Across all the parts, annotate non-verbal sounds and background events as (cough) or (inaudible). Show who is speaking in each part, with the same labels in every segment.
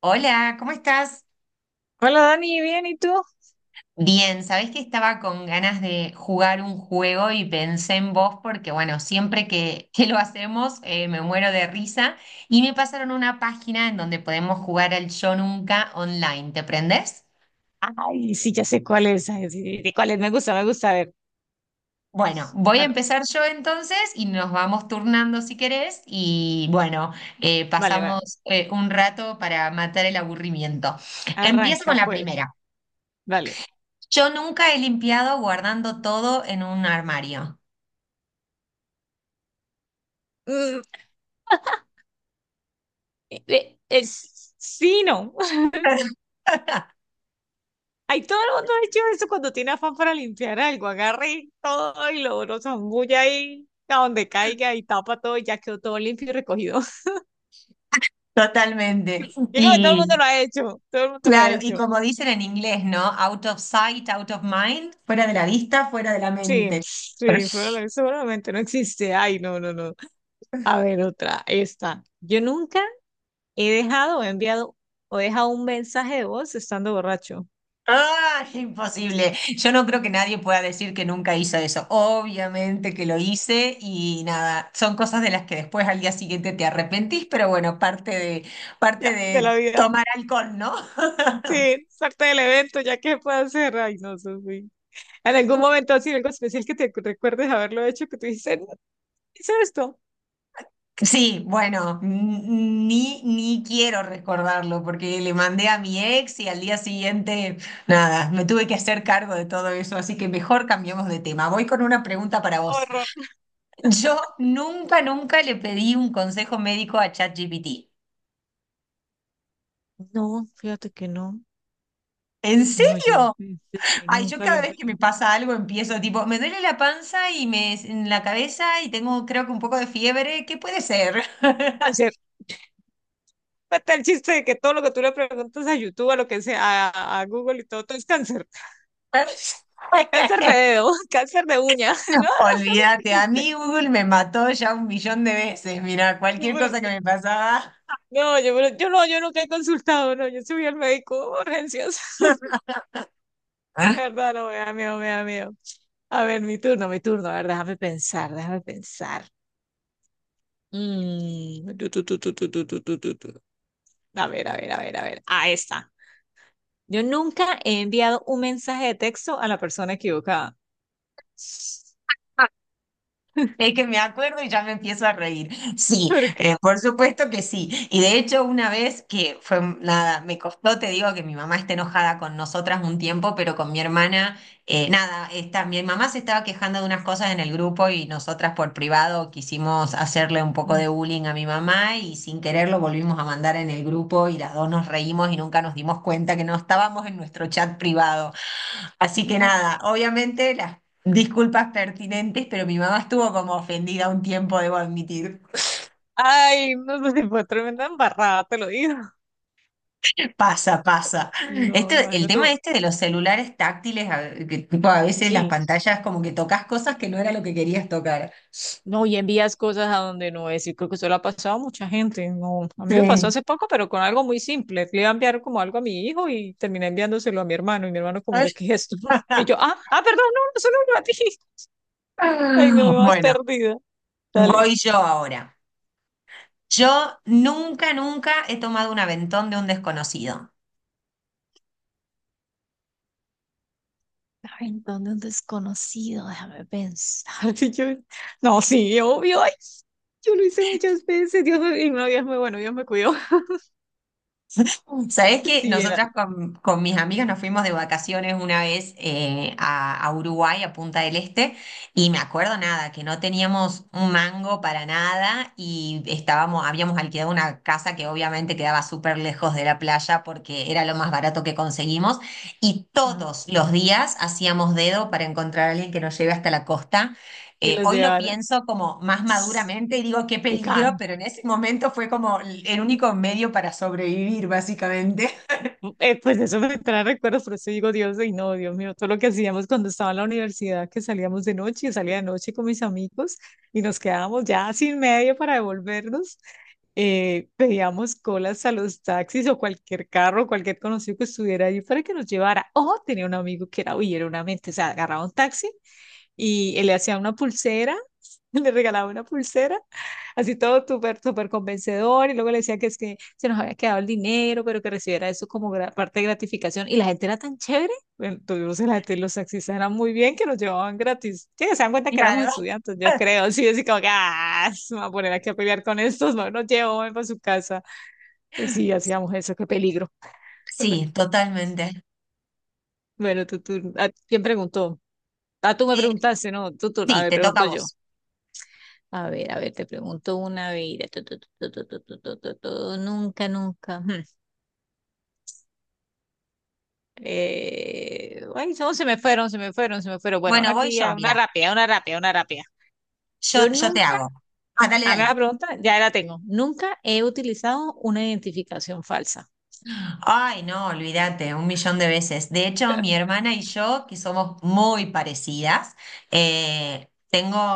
Speaker 1: Hola, ¿cómo estás?
Speaker 2: Hola Dani, ¿bien? ¿Y tú?
Speaker 1: Bien, sabés que estaba con ganas de jugar un juego y pensé en vos porque, bueno, siempre que lo hacemos, me muero de risa y me pasaron una página en donde podemos jugar al Yo Nunca online. ¿Te prendés?
Speaker 2: Ay, sí, ya sé cuál es. Ay, sí, sí, sí, cuál es. Me gusta, me gusta. A ver,
Speaker 1: Bueno, voy a
Speaker 2: bueno,
Speaker 1: empezar yo entonces y nos vamos turnando si querés y, bueno,
Speaker 2: vale,
Speaker 1: pasamos
Speaker 2: vale.
Speaker 1: un rato para matar el aburrimiento. Empiezo
Speaker 2: Arranca,
Speaker 1: con la
Speaker 2: pues.
Speaker 1: primera.
Speaker 2: Vale.
Speaker 1: Yo nunca he limpiado guardando todo en un armario.
Speaker 2: Mm, es, sí, no. (laughs) Ay, todo el mundo ha hecho eso cuando tiene afán para limpiar algo. Agarra y todo y lo zambulle ahí a donde caiga y tapa todo y ya quedó todo limpio y recogido. (laughs) Yo
Speaker 1: Totalmente.
Speaker 2: creo que todo el mundo
Speaker 1: Y
Speaker 2: lo ha hecho. Todo el mundo lo ha
Speaker 1: claro, y
Speaker 2: hecho.
Speaker 1: como dicen en inglés, ¿no? Out of sight, out of mind, fuera de la vista, fuera de la
Speaker 2: Sí,
Speaker 1: mente. (laughs) Pero-
Speaker 2: sí, fuera- la- seguramente no existe. Ay, no, no, no. A ver, otra. Esta. Yo nunca he dejado, o he enviado o he dejado un mensaje de voz estando borracho.
Speaker 1: ¡Ah! Imposible. Yo no creo que nadie pueda decir que nunca hizo eso. Obviamente que lo hice y nada, son cosas de las que después al día siguiente te arrepentís, pero bueno, parte de, parte
Speaker 2: Ya, de la
Speaker 1: de
Speaker 2: vida.
Speaker 1: tomar alcohol, ¿no?
Speaker 2: Sí, es parte del evento, ya que puedo hacer. Ay, no, Sofi. En algún momento así, algo especial que te recuerdes haberlo hecho, que tú dices, "No, hice esto".
Speaker 1: Sí, bueno, ni quiero recordarlo porque le mandé a mi ex y al día siguiente, nada, me tuve que hacer cargo de todo eso, así que mejor cambiamos de tema. Voy con una pregunta para vos.
Speaker 2: Horror.
Speaker 1: Yo nunca, nunca le pedí un consejo médico a ChatGPT.
Speaker 2: No, fíjate que no.
Speaker 1: ¿En
Speaker 2: No, yo,
Speaker 1: serio?
Speaker 2: en serio,
Speaker 1: Ay, yo
Speaker 2: nunca lo he
Speaker 1: cada vez que
Speaker 2: hecho.
Speaker 1: me pasa algo empiezo tipo, me duele la panza y me en la cabeza y tengo creo que un poco de fiebre, ¿qué puede ser?
Speaker 2: Cáncer. Está el chiste de que todo lo que tú le preguntas a YouTube, a lo que sea, a Google y todo, todo es cáncer. Cáncer de
Speaker 1: (laughs)
Speaker 2: dedo, (laughs) cáncer de uña. (laughs) No,
Speaker 1: (laughs)
Speaker 2: no, sabes el
Speaker 1: Olvídate, a mí Google me mató ya un millón de veces. Mira, cualquier cosa que
Speaker 2: chiste.
Speaker 1: me pasaba.
Speaker 2: No, yo, pero- yo no, yo nunca he consultado, no, yo soy al médico, urgencias. (laughs)
Speaker 1: ¿Ah?
Speaker 2: La verdad, no, me da miedo, me da miedo. A ver, mi turno, a ver, déjame pensar, déjame pensar. Mm, tu, tu, tu, tu, tu, tu, tu, tu, tu, tu. A ver, a ver, a ver, a ver. Ah, está. Yo nunca he enviado un mensaje de texto a la persona equivocada.
Speaker 1: Es
Speaker 2: (laughs)
Speaker 1: que me acuerdo y ya me empiezo a reír. Sí,
Speaker 2: ¿Por qué?
Speaker 1: por supuesto que sí. Y de hecho, una vez que fue, nada, me costó, te digo que mi mamá está enojada con nosotras un tiempo, pero con mi hermana, nada, esta, mi mamá se estaba quejando de unas cosas en el grupo y nosotras por privado quisimos hacerle un poco
Speaker 2: Mm.
Speaker 1: de bullying a mi mamá y sin querer lo volvimos a mandar en el grupo y las dos nos reímos y nunca nos dimos cuenta que no estábamos en nuestro chat privado. Así que nada, obviamente las disculpas pertinentes, pero mi mamá estuvo como ofendida un tiempo, debo admitir.
Speaker 2: Ay, no sé, si fue tremenda embarrada, te lo digo.
Speaker 1: Pasa, pasa.
Speaker 2: No, me
Speaker 1: Este, el
Speaker 2: imagino tú.
Speaker 1: tema este de los celulares táctiles, a- que tipo a veces las
Speaker 2: Sí.
Speaker 1: pantallas como que tocas cosas que no era lo que querías tocar.
Speaker 2: No, y envías cosas a donde no es. Y creo que eso le ha pasado a mucha gente. No, a mí me pasó
Speaker 1: Sí.
Speaker 2: hace poco, pero con algo muy simple. Le iba a enviar como algo a mi hijo y terminé enviándoselo a mi hermano. Y mi hermano como que, ¿qué es esto? (laughs) Y yo, ah,
Speaker 1: (laughs)
Speaker 2: ah, perdón, no, no solo a ti. (laughs) Ay, no, me vas
Speaker 1: Bueno,
Speaker 2: perdida. Dale.
Speaker 1: voy yo ahora. Yo nunca, nunca he tomado un aventón de un desconocido.
Speaker 2: Ay, ¿dónde un desconocido? Déjame pensar. (laughs) Y yo, no, sí, obvio. Ay, yo lo hice muchas veces. Dios me, y no, Dios me, bueno, Dios me cuidó. (laughs)
Speaker 1: ¿Sabés que
Speaker 2: Sí, era
Speaker 1: nosotras con mis amigas nos fuimos de vacaciones una vez, a Uruguay, a Punta del Este, y me acuerdo nada, que no teníamos un mango para nada y estábamos, habíamos alquilado una casa que obviamente quedaba súper lejos de la playa porque era lo más barato que conseguimos y
Speaker 2: ah,
Speaker 1: todos los días hacíamos dedo para encontrar a alguien que nos lleve hasta la costa?
Speaker 2: que los
Speaker 1: Hoy lo
Speaker 2: llevara.
Speaker 1: pienso como más
Speaker 2: (sniffs)
Speaker 1: maduramente y digo qué
Speaker 2: Te
Speaker 1: peligro, pero en ese momento fue como el único medio para sobrevivir, básicamente. (laughs)
Speaker 2: Pues eso me trae recuerdos, por eso digo, Dios, y no, Dios mío, todo lo que hacíamos cuando estaba en la universidad, que salíamos de noche, yo salía de noche con mis amigos y nos quedábamos ya sin medio para devolvernos. Pedíamos colas a los taxis o cualquier carro, cualquier conocido que estuviera ahí para que nos llevara. O tenía un amigo que era, uy, era una mente, o sea, agarraba un taxi y él le hacía una pulsera, (laughs) le regalaba una pulsera, así todo súper, súper convencedor, y luego le decía que es que se nos había quedado el dinero, pero que recibiera eso como gra- parte de gratificación, y la gente era tan chévere, bueno, tuvimos la gente, los taxistas eran muy bien, que nos llevaban gratis, sí, se dan cuenta que éramos
Speaker 1: Claro.
Speaker 2: estudiantes, yo creo, (laughs) sí, así como que, ah, se me va a poner aquí a pelear con estos, no, nos llevo para su casa. Y sí, hacíamos eso, qué peligro.
Speaker 1: Sí, totalmente.
Speaker 2: Bueno, ¿a quién preguntó? Ah, tú me
Speaker 1: Eh,
Speaker 2: preguntaste, no, a
Speaker 1: sí,
Speaker 2: ver,
Speaker 1: te toca a
Speaker 2: pregunto yo.
Speaker 1: vos.
Speaker 2: A ver, te pregunto una vida. Tu, Nunca, nunca. (laughs) Ujú. Ay, no, se me fueron, se me fueron, se me fueron. Bueno, una
Speaker 1: Bueno, voy
Speaker 2: aquí,
Speaker 1: yo,
Speaker 2: ah, una
Speaker 1: mira,
Speaker 2: rápida, una rápida, una rápida. Yo
Speaker 1: yo te
Speaker 2: nunca,
Speaker 1: hago. Ah, dale,
Speaker 2: a mí la
Speaker 1: dale.
Speaker 2: pregunta, ya la tengo. Nunca he utilizado una identificación falsa.
Speaker 1: Ay, no, olvídate, un millón de veces. De hecho, mi hermana y yo, que somos muy parecidas, eh,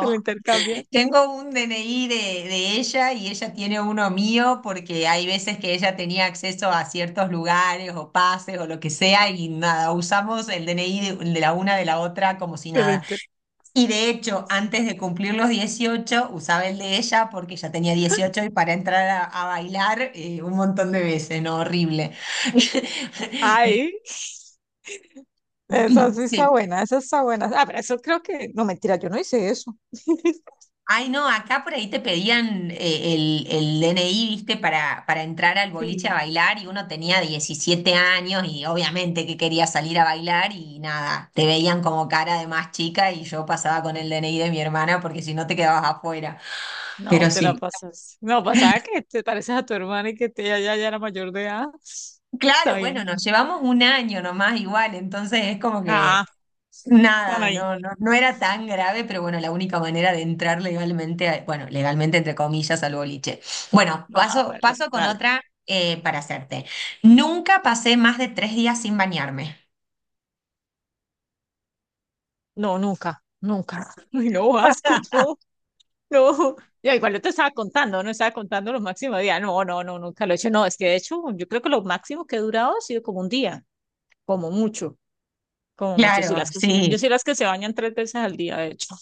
Speaker 2: Se la intercambian,
Speaker 1: Tengo un DNI de ella y ella tiene uno mío porque hay veces que ella tenía acceso a ciertos lugares o pases o lo que sea y nada, usamos el DNI de la una de la otra como si
Speaker 2: se la
Speaker 1: nada.
Speaker 2: inter...
Speaker 1: Y de hecho, antes de cumplir los 18 usaba el de ella porque ya tenía 18 y para entrar a bailar, un montón de veces, ¿no? Horrible. (laughs)
Speaker 2: Ay, esa sí está
Speaker 1: Sí,
Speaker 2: buena, esa está buena. Ah, pero eso creo que, no, mentira, yo no hice eso. (laughs)
Speaker 1: ay, no, acá por ahí te pedían, el DNI, viste, para entrar al boliche a
Speaker 2: Sí.
Speaker 1: bailar y uno tenía 17 años y obviamente que quería salir a bailar y nada, te veían como cara de más chica y yo pasaba con el DNI de mi hermana porque si no te quedabas afuera. Pero
Speaker 2: No, te la
Speaker 1: sí.
Speaker 2: pasas. No, pasaba que te pareces a tu hermana y que te, ella ya, ya era mayor de edad. (laughs) Está
Speaker 1: Claro, bueno,
Speaker 2: bien.
Speaker 1: nos llevamos un año nomás igual, entonces es como
Speaker 2: Ah,
Speaker 1: que
Speaker 2: para
Speaker 1: nada,
Speaker 2: ahí.
Speaker 1: no era tan grave, pero bueno, la única manera de entrar legalmente, a- bueno, legalmente entre comillas al boliche. Bueno,
Speaker 2: Ah,
Speaker 1: paso,
Speaker 2: bueno, bueno,
Speaker 1: paso con
Speaker 2: dale.
Speaker 1: otra, para hacerte. Nunca pasé más de 3 días sin bañarme.
Speaker 2: No, nunca, nunca. (laughs) Ay, no, asco,
Speaker 1: (laughs)
Speaker 2: no, no. Ya, igual yo te estaba contando, no estaba contando los máximos días. No, no, no, nunca lo he hecho. No, es que de hecho, yo creo que lo máximo que he durado ha sido como un día, como mucho, como mucho. Sí,
Speaker 1: Claro,
Speaker 2: las que se- yo
Speaker 1: sí.
Speaker 2: soy las que se bañan tres veces al día, de hecho.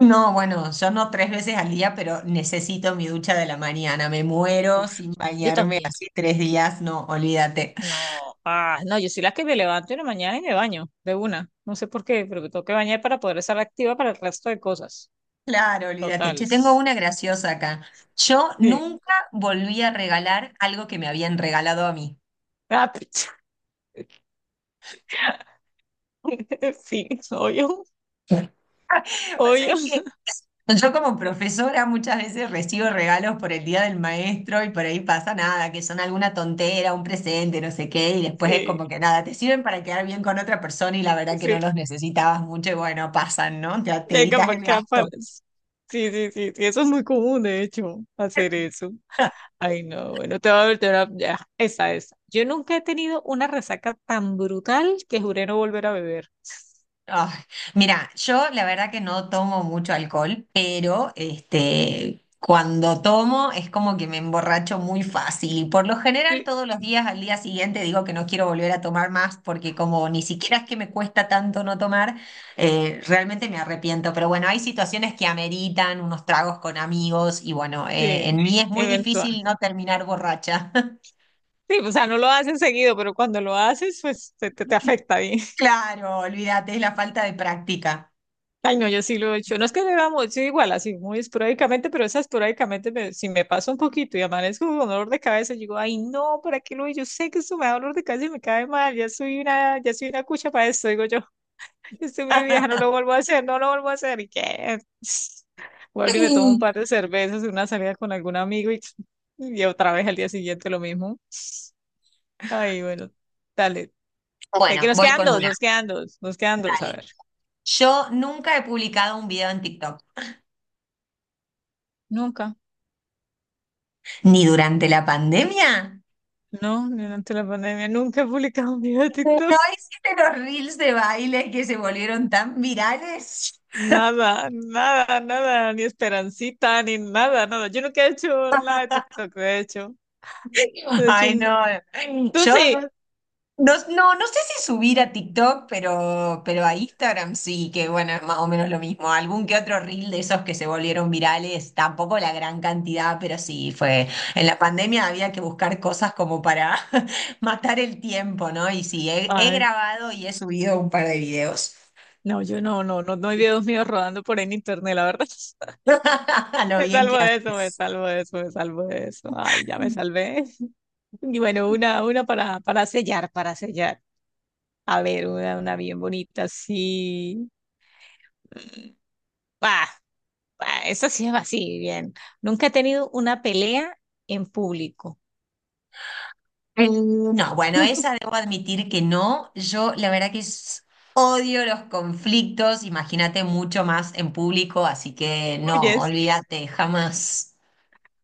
Speaker 1: No, bueno, yo no tres veces al día, pero necesito mi ducha de la mañana. Me muero
Speaker 2: Uf,
Speaker 1: sin
Speaker 2: yo
Speaker 1: bañarme
Speaker 2: también.
Speaker 1: así 3 días. No, olvídate.
Speaker 2: No, ah, no, yo soy la que me levanto en la mañana y me baño de una. No sé por qué, pero me tengo que bañar para poder estar activa para el resto de cosas.
Speaker 1: Claro, olvídate.
Speaker 2: Total.
Speaker 1: Che, tengo una graciosa acá. Yo
Speaker 2: Sí.
Speaker 1: nunca volví a regalar algo que me habían regalado a mí.
Speaker 2: Ah, (laughs) sí, obvio,
Speaker 1: Pasa,
Speaker 2: obvio.
Speaker 1: es que
Speaker 2: (laughs)
Speaker 1: yo como profesora muchas veces recibo regalos por el día del maestro y por ahí pasa nada, que son alguna tontera, un presente, no sé qué, y después es
Speaker 2: Sí,
Speaker 1: como que nada, te sirven para quedar bien con otra persona y la verdad que no
Speaker 2: sí.
Speaker 1: los necesitabas mucho y bueno, pasan, ¿no? Te
Speaker 2: Ya
Speaker 1: evitas
Speaker 2: capaz
Speaker 1: el
Speaker 2: que
Speaker 1: gasto.
Speaker 2: aparece. Sí, sí, sí, sí, eso es muy común, de hecho, hacer eso. Ay, no, bueno, te va a volver a... Ya, esa, esa. Yo nunca he tenido una resaca tan brutal que juré no volver a beber.
Speaker 1: Ah, mira, yo la verdad que no tomo mucho alcohol, pero este, cuando tomo es como que me emborracho muy fácil. Y por lo general,
Speaker 2: Sí,
Speaker 1: todos los días al día siguiente digo que no quiero volver a tomar más porque como ni siquiera es que me cuesta tanto no tomar, realmente me arrepiento. Pero bueno, hay situaciones que ameritan unos tragos con amigos y bueno,
Speaker 2: sí,
Speaker 1: en mí es muy
Speaker 2: eventual.
Speaker 1: difícil no terminar borracha. (laughs)
Speaker 2: Sí, o sea, no lo haces seguido, pero cuando lo haces, pues te afecta bien. (laughs)
Speaker 1: Claro, olvídate, es la falta de práctica.
Speaker 2: Ay, no, yo sí lo he hecho. No es que vamos, yo igual, así muy esporádicamente, pero esa esporádicamente, me- si me pasa un poquito y amanezco con dolor de cabeza, yo digo, ay, no, ¿para qué lo hice? Yo sé que esto me da dolor de cabeza y me cae mal, ya soy una cucha para esto, digo yo, (laughs) estoy muy vieja,
Speaker 1: (laughs)
Speaker 2: no lo vuelvo a hacer, no lo vuelvo a hacer, ¿y qué? (laughs) (sniffs) Vuelvo y me tomo un par de cervezas, una salida con algún amigo y, (tsk) y otra vez al día siguiente lo mismo. Ay, bueno, dale. De que
Speaker 1: Bueno,
Speaker 2: nos
Speaker 1: voy
Speaker 2: quedan
Speaker 1: con
Speaker 2: dos,
Speaker 1: una.
Speaker 2: nos quedan dos, nos quedan dos,
Speaker 1: Dale.
Speaker 2: a ver.
Speaker 1: Yo nunca he publicado un video en TikTok,
Speaker 2: Nunca,
Speaker 1: ni durante la pandemia.
Speaker 2: no, durante la pandemia nunca he publicado un video de
Speaker 1: No
Speaker 2: TikTok.
Speaker 1: hiciste los reels de baile que se volvieron tan virales.
Speaker 2: Nada, nada, nada, ni esperancita, ni nada, nada. Yo nunca he hecho nada de TikTok, de hecho.
Speaker 1: (laughs)
Speaker 2: De hecho,
Speaker 1: Ay,
Speaker 2: n-
Speaker 1: no.
Speaker 2: tú
Speaker 1: Yo
Speaker 2: sí.
Speaker 1: no. No, no sé si subir a TikTok, pero a Instagram sí, que bueno, es más o menos lo mismo. Algún que otro reel de esos que se volvieron virales, tampoco la gran cantidad, pero sí fue. En la pandemia había que buscar cosas como para (laughs) matar el tiempo, ¿no? Y sí, he
Speaker 2: Ay,
Speaker 1: grabado y he subido un par de videos.
Speaker 2: no, yo no, no, no, no hay videos míos rodando por ahí en internet, la verdad. (laughs)
Speaker 1: (laughs) A lo
Speaker 2: Me
Speaker 1: bien que
Speaker 2: salvo de eso, me
Speaker 1: haces.
Speaker 2: salvo de eso, me salvo de eso. Ay, ya me salvé. (laughs) Y bueno, una para sellar, para sellar. A ver, una bien bonita, sí. Bah, bah, eso sí es así, bien. Nunca he tenido una pelea en público.
Speaker 1: No, bueno, esa
Speaker 2: (laughs)
Speaker 1: debo admitir que no. Yo la verdad que s- odio los conflictos, imagínate mucho más en público, así que no,
Speaker 2: Yes,
Speaker 1: olvídate, jamás.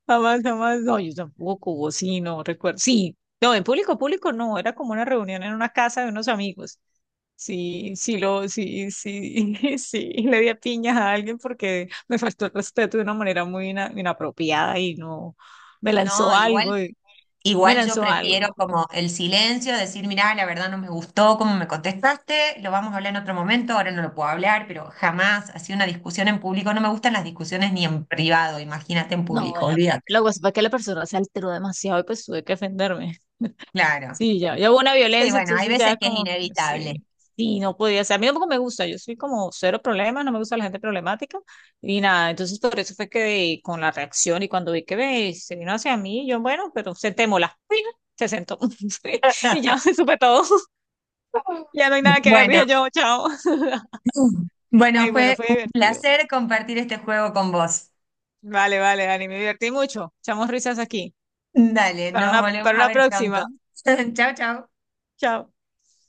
Speaker 2: jamás, jamás. No, yo tampoco, vos sí, no recuerdo. Sí, no, en público, público no, era como una reunión en una casa de unos amigos. Sí, sí, lo, sí, sí, (laughs) sí, y le di a piñas a alguien porque me faltó el respeto de una manera muy ina- inapropiada y no, me lanzó
Speaker 1: No, igual,
Speaker 2: algo, y- me
Speaker 1: igual yo
Speaker 2: lanzó
Speaker 1: prefiero
Speaker 2: algo.
Speaker 1: como el silencio, decir, mirá, la verdad no me gustó cómo me contestaste, lo vamos a hablar en otro momento, ahora no lo puedo hablar, pero jamás, así una discusión en público, no me gustan las discusiones ni en privado, imagínate en
Speaker 2: No,
Speaker 1: público,
Speaker 2: la,
Speaker 1: olvídate.
Speaker 2: lo que pasa fue que la persona se alteró demasiado y pues tuve que defenderme.
Speaker 1: Claro.
Speaker 2: Sí, ya, ya hubo una
Speaker 1: Sí,
Speaker 2: violencia,
Speaker 1: bueno, hay
Speaker 2: entonces
Speaker 1: veces
Speaker 2: ya
Speaker 1: que es
Speaker 2: como, que
Speaker 1: inevitable.
Speaker 2: sí, sí, no podía ser. A mí tampoco me gusta, yo soy como cero problemas, no me gusta la gente problemática y nada, entonces por eso fue que con la reacción y cuando vi que ve, se vino hacia mí, yo, bueno, pero sentémosla. Fija, se sentó (laughs) y ya
Speaker 1: (laughs)
Speaker 2: se supe todo, (laughs) ya no hay nada que ver,
Speaker 1: Bueno.
Speaker 2: dije yo, chao. (laughs) Ay,
Speaker 1: Bueno,
Speaker 2: bueno,
Speaker 1: fue
Speaker 2: fue
Speaker 1: un
Speaker 2: divertido.
Speaker 1: placer compartir este juego con vos.
Speaker 2: Vale, vale, Dani, me divertí mucho. Echamos risas aquí.
Speaker 1: Dale, nos volvemos
Speaker 2: Para
Speaker 1: a
Speaker 2: una
Speaker 1: ver pronto.
Speaker 2: próxima.
Speaker 1: (laughs) Chao, chao.
Speaker 2: Chao.